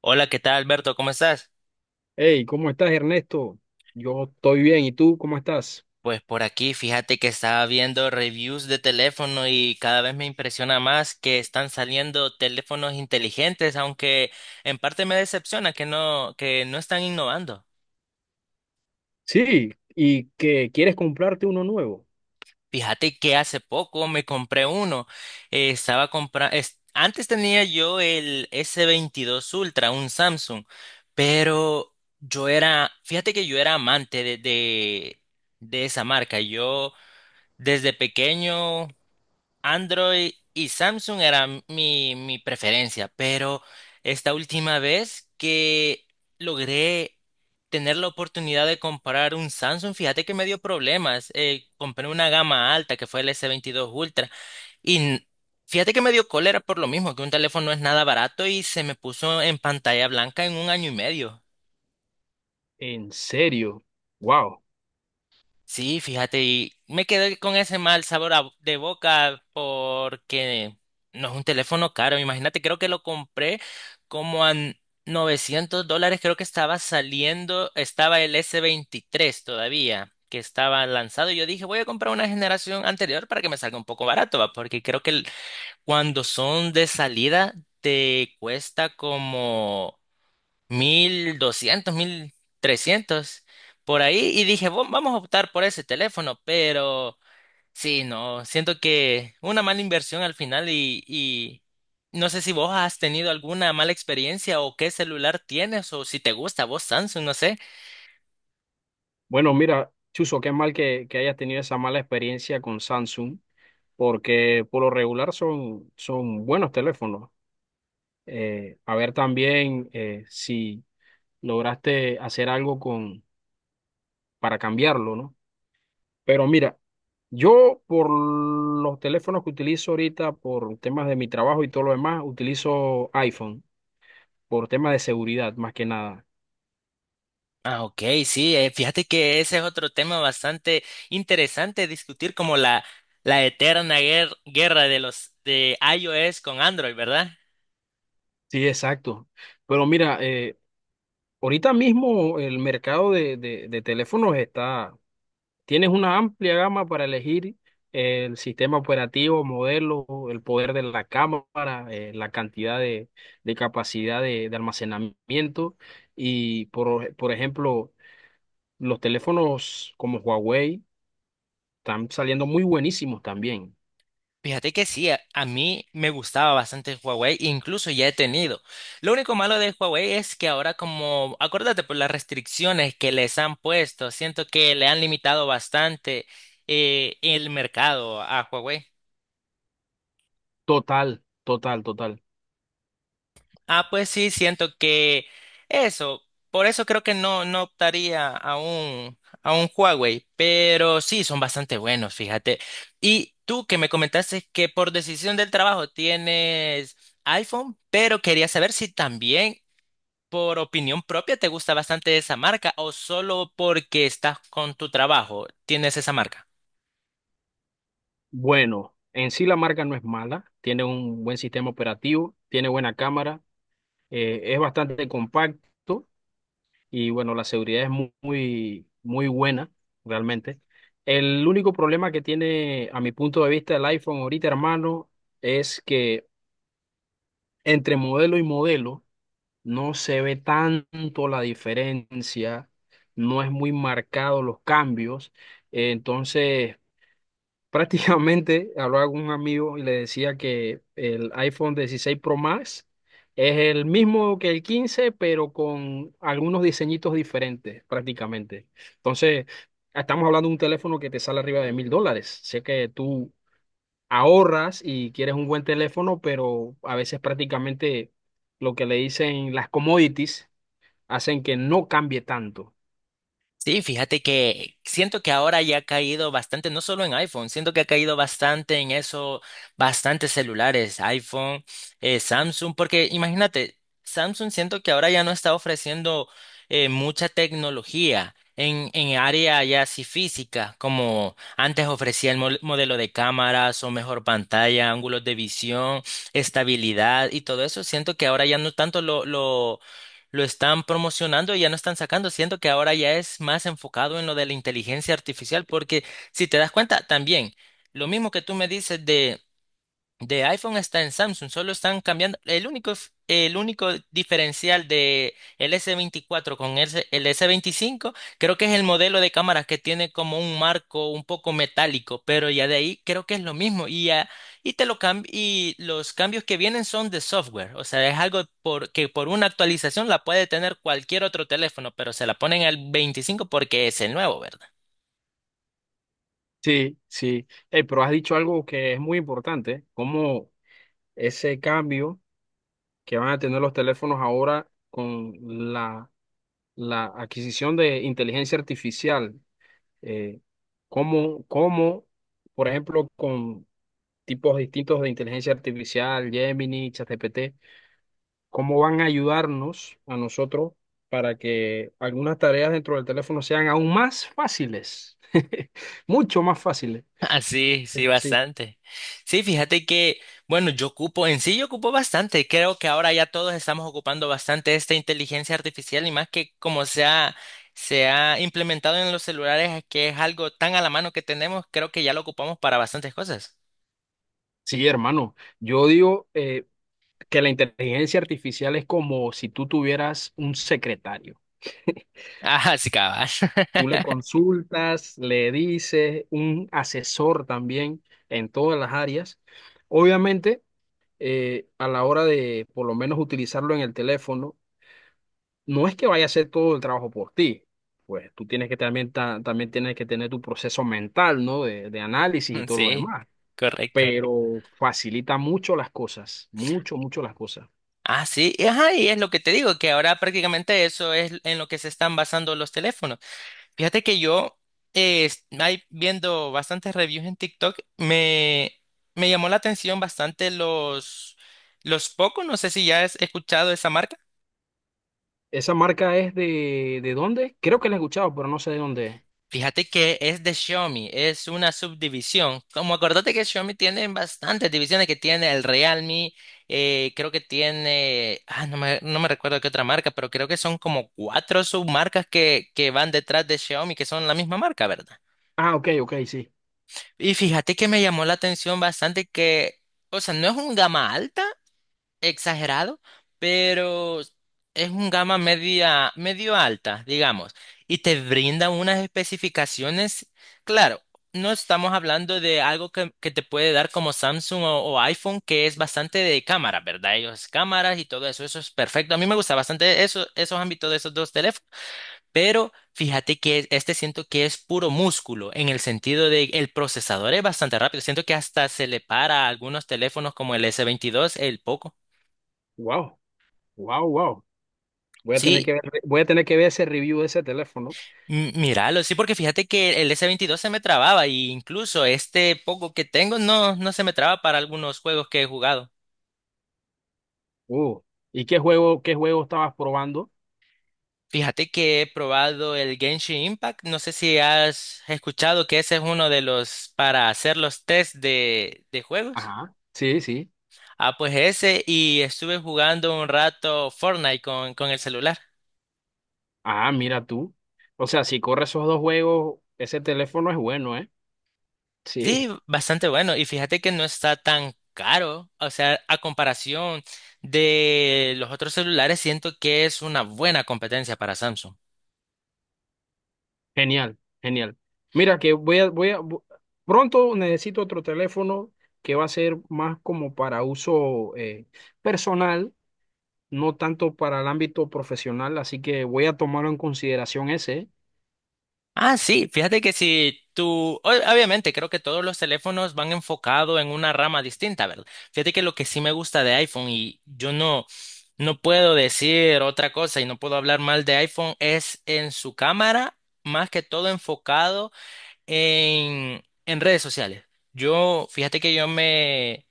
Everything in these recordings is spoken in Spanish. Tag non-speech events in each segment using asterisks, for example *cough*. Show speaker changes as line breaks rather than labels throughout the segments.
Hola, ¿qué tal, Alberto? ¿Cómo estás?
Hey, ¿cómo estás, Ernesto? Yo estoy bien, ¿y tú cómo estás?
Pues por aquí, fíjate que estaba viendo reviews de teléfono y cada vez me impresiona más que están saliendo teléfonos inteligentes, aunque en parte me decepciona que no están innovando.
Sí, ¿y que quieres comprarte uno nuevo?
Fíjate que hace poco me compré uno. Antes tenía yo el S22 Ultra, un Samsung, pero fíjate que yo era amante de esa marca. Yo desde pequeño Android y Samsung era mi preferencia, pero esta última vez que logré tener la oportunidad de comprar un Samsung, fíjate que me dio problemas. Compré una gama alta que fue el S22 Ultra y n- fíjate que me dio cólera por lo mismo, que un teléfono no es nada barato y se me puso en pantalla blanca en un año y medio.
¿En serio? Wow.
Sí, fíjate, y me quedé con ese mal sabor de boca porque no es un teléfono caro. Imagínate, creo que lo compré como a $900. Creo que estaba saliendo, estaba el S23 todavía, que estaba lanzado. Y yo dije, voy a comprar una generación anterior para que me salga un poco barato, va, porque creo que cuando son de salida te cuesta como 1200, 1300 por ahí, y dije, Vamos a optar por ese teléfono", pero sí, no, siento que una mala inversión al final y no sé si vos has tenido alguna mala experiencia o qué celular tienes o si te gusta vos Samsung, no sé.
Bueno, mira, Chuzo, qué mal que hayas tenido esa mala experiencia con Samsung, porque por lo regular son buenos teléfonos. A ver también si lograste hacer algo con, para cambiarlo, ¿no? Pero mira, yo por los teléfonos que utilizo ahorita, por temas de mi trabajo y todo lo demás, utilizo iPhone, por temas de seguridad más que nada.
Ah, ok, sí, fíjate que ese es otro tema bastante interesante discutir como la eterna guerra de los de iOS con Android, ¿verdad?
Sí, exacto. Pero mira, ahorita mismo el mercado de teléfonos está, tienes una amplia gama para elegir el sistema operativo, modelo, el poder de la cámara, la cantidad de capacidad de almacenamiento. Y por ejemplo, los teléfonos como Huawei están saliendo muy buenísimos también.
Fíjate que sí, a mí me gustaba bastante Huawei, incluso ya he tenido. Lo único malo de Huawei es que ahora como, acuérdate, por las restricciones que les han puesto, siento que le han limitado bastante el mercado a Huawei.
Total, total, total.
Ah, pues sí, siento que eso, por eso creo que no optaría a un Huawei, pero sí, son bastante buenos, fíjate. Y tú que me comentaste que por decisión del trabajo tienes iPhone, pero quería saber si también por opinión propia te gusta bastante esa marca o solo porque estás con tu trabajo tienes esa marca.
Bueno, en sí la marca no es mala, tiene un buen sistema operativo, tiene buena cámara, es bastante compacto y bueno, la seguridad es muy, muy, buena realmente. El único problema que tiene, a mi punto de vista, el iPhone ahorita, hermano, es que entre modelo y modelo, no se ve tanto la diferencia, no es muy marcado los cambios. Entonces, prácticamente *laughs* hablaba con un amigo y le decía que el iPhone 16 Pro Max es el mismo que el 15 pero con algunos diseñitos diferentes, prácticamente. Entonces, estamos hablando de un teléfono que te sale arriba de $1,000. Sé que tú ahorras y quieres un buen teléfono, pero a veces prácticamente lo que le dicen las commodities hacen que no cambie tanto.
Sí, fíjate que siento que ahora ya ha caído bastante, no solo en iPhone, siento que ha caído bastante en eso, bastantes celulares, iPhone, Samsung, porque imagínate, Samsung siento que ahora ya no está ofreciendo mucha tecnología en área ya así física, como antes ofrecía el modelo de cámaras o mejor pantalla, ángulos de visión, estabilidad y todo eso. Siento que ahora ya no tanto lo están promocionando y ya no están sacando. Siento que ahora ya es más enfocado en lo de la inteligencia artificial, porque si te das cuenta, también lo mismo que tú me dices de iPhone está en Samsung, solo están cambiando. El único diferencial de el S24 con el S25, creo que es el modelo de cámara que tiene como un marco un poco metálico, pero ya de ahí creo que es lo mismo. Y los cambios que vienen son de software. O sea, es algo que por una actualización la puede tener cualquier otro teléfono, pero se la ponen al 25 porque es el nuevo, ¿verdad?
Sí, sí. Pero has dicho algo que es muy importante, como ese cambio que van a tener los teléfonos ahora con la, la adquisición de inteligencia artificial, eh, como, como, por ejemplo, con tipos distintos de inteligencia artificial, Gemini, ChatGPT, cómo van a ayudarnos a nosotros para que algunas tareas dentro del teléfono sean aún más fáciles, *laughs* mucho más fáciles.
Ah, sí, sí,
Sí.
bastante. Sí, fíjate que, bueno, en sí yo ocupo bastante. Creo que ahora ya todos estamos ocupando bastante esta inteligencia artificial y más que como se ha implementado en los celulares, es que es algo tan a la mano que tenemos, creo que ya lo ocupamos para bastantes cosas. *laughs*
Sí, hermano, yo digo que la inteligencia artificial es como si tú tuvieras un secretario. *laughs*
Ah, sí, cabal.
Tú
*laughs*
le consultas, le dices, un asesor también en todas las áreas. Obviamente, a la hora de por lo menos utilizarlo en el teléfono, no es que vaya a hacer todo el trabajo por ti. Pues tú tienes que también, también tienes que tener tu proceso mental, ¿no? De análisis y todo lo
Sí,
demás.
correcto.
Pero facilita mucho las cosas, mucho, mucho las cosas.
Ah, sí, y ajá, y es lo que te digo, que ahora prácticamente eso es en lo que se están basando los teléfonos. Fíjate que ahí viendo bastantes reviews en TikTok, me llamó la atención bastante los Poco, no sé si ya has escuchado esa marca.
Esa marca es ¿de dónde? Creo que la he escuchado, pero no sé de dónde es.
Fíjate que es de Xiaomi, es una subdivisión. Como acordate que Xiaomi tiene bastantes divisiones, que tiene el Realme, creo que tiene, no me recuerdo qué otra marca, pero creo que son como cuatro submarcas que van detrás de Xiaomi, que son la misma marca, ¿verdad?
Ah, ok, ok, sí.
Y fíjate que me llamó la atención bastante que, o sea, no es un gama alta, exagerado, pero es un gama media, medio alta, digamos, y te brinda unas especificaciones. Claro, no estamos hablando de algo que te puede dar como Samsung o iPhone, que es bastante de cámara, ¿verdad? Ellos cámaras y todo eso, eso es perfecto. A mí me gusta bastante eso, esos ámbitos de esos dos teléfonos. Pero fíjate que este siento que es puro músculo, en el sentido de el procesador es bastante rápido. Siento que hasta se le para a algunos teléfonos como el S22, el Poco.
Wow, wow, wow. Voy a tener
Sí,
que ver, voy a tener que ver ese review de ese teléfono.
míralo, sí, porque fíjate que el S22 se me trababa y incluso este Poco que tengo no se me traba para algunos juegos que he jugado.
Uh, ¿Y qué juego estabas probando?
Fíjate que he probado el Genshin Impact. No sé si has escuchado que ese es uno de los para hacer los test de juegos.
Ajá, sí, sí.
Ah, pues ese, y estuve jugando un rato Fortnite con el celular.
Ah, mira tú. O sea, si corre esos dos juegos, ese teléfono es bueno, ¿eh?
Sí,
Sí.
bastante bueno, y fíjate que no está tan caro, o sea, a comparación de los otros celulares, siento que es una buena competencia para Samsung.
Genial, genial. Mira que voy a, voy a, pronto necesito otro teléfono que va a ser más como para uso personal, no tanto para el ámbito profesional, así que voy a tomarlo en consideración ese.
Ah, sí, fíjate que si tú, obviamente creo que todos los teléfonos van enfocados en una rama distinta, ¿verdad? Fíjate que lo que sí me gusta de iPhone y yo no puedo decir otra cosa y no puedo hablar mal de iPhone es en su cámara, más que todo enfocado en redes sociales. Fíjate que yo me...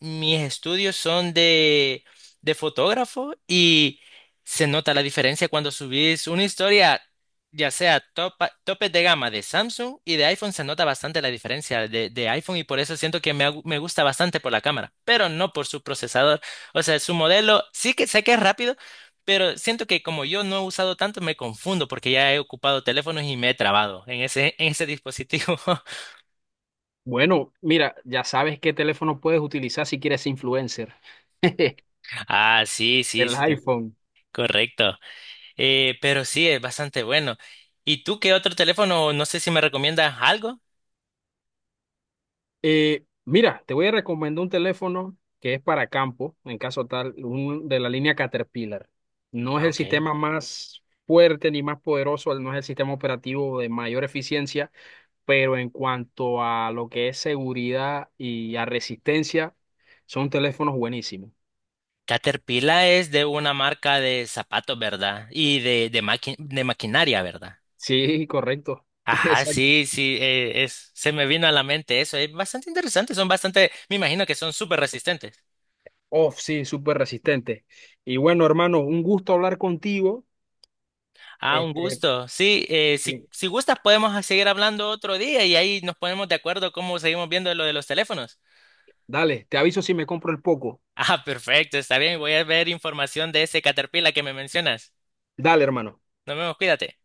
Mis estudios son de fotógrafo y se nota la diferencia cuando subís una historia, ya sea topes de gama de Samsung y de iPhone, se nota bastante la diferencia de iPhone y por eso siento que me gusta bastante por la cámara, pero no por su procesador. O sea, su modelo sí que sé que es rápido, pero siento que como yo no he usado tanto, me confundo porque ya he ocupado teléfonos y me he trabado en ese dispositivo. *laughs*
Bueno, mira, ya sabes qué teléfono puedes utilizar si quieres ser influencer. *laughs*
Ah, sí, sí,
El
sí,
iPhone.
correcto. Pero sí, es bastante bueno. ¿Y tú qué otro teléfono? No sé si me recomiendas algo.
Mira, te voy a recomendar un teléfono que es para campo, en caso tal, un, de la línea Caterpillar. No es
Ah,
el
ok.
sistema más fuerte ni más poderoso, no es el sistema operativo de mayor eficiencia, pero en cuanto a lo que es seguridad y a resistencia, son teléfonos buenísimos.
Caterpillar es de una marca de zapatos, ¿verdad? Y de maquinaria, ¿verdad?
Sí, correcto. *laughs*
Ajá,
Exacto.
sí, sí, se me vino a la mente eso. Es bastante interesante, me imagino que son súper resistentes.
Oh, sí, súper resistente. Y bueno, hermano, un gusto hablar contigo.
Ah, un
Este,
gusto. Sí, eh, si,
sí.
si gustas podemos seguir hablando otro día y ahí nos ponemos de acuerdo cómo seguimos viendo lo de los teléfonos. *laughs*
Dale, te aviso si me compro el poco.
Ah, perfecto, está bien, voy a ver información de ese Caterpillar que me mencionas.
Dale, hermano.
Nos vemos, cuídate.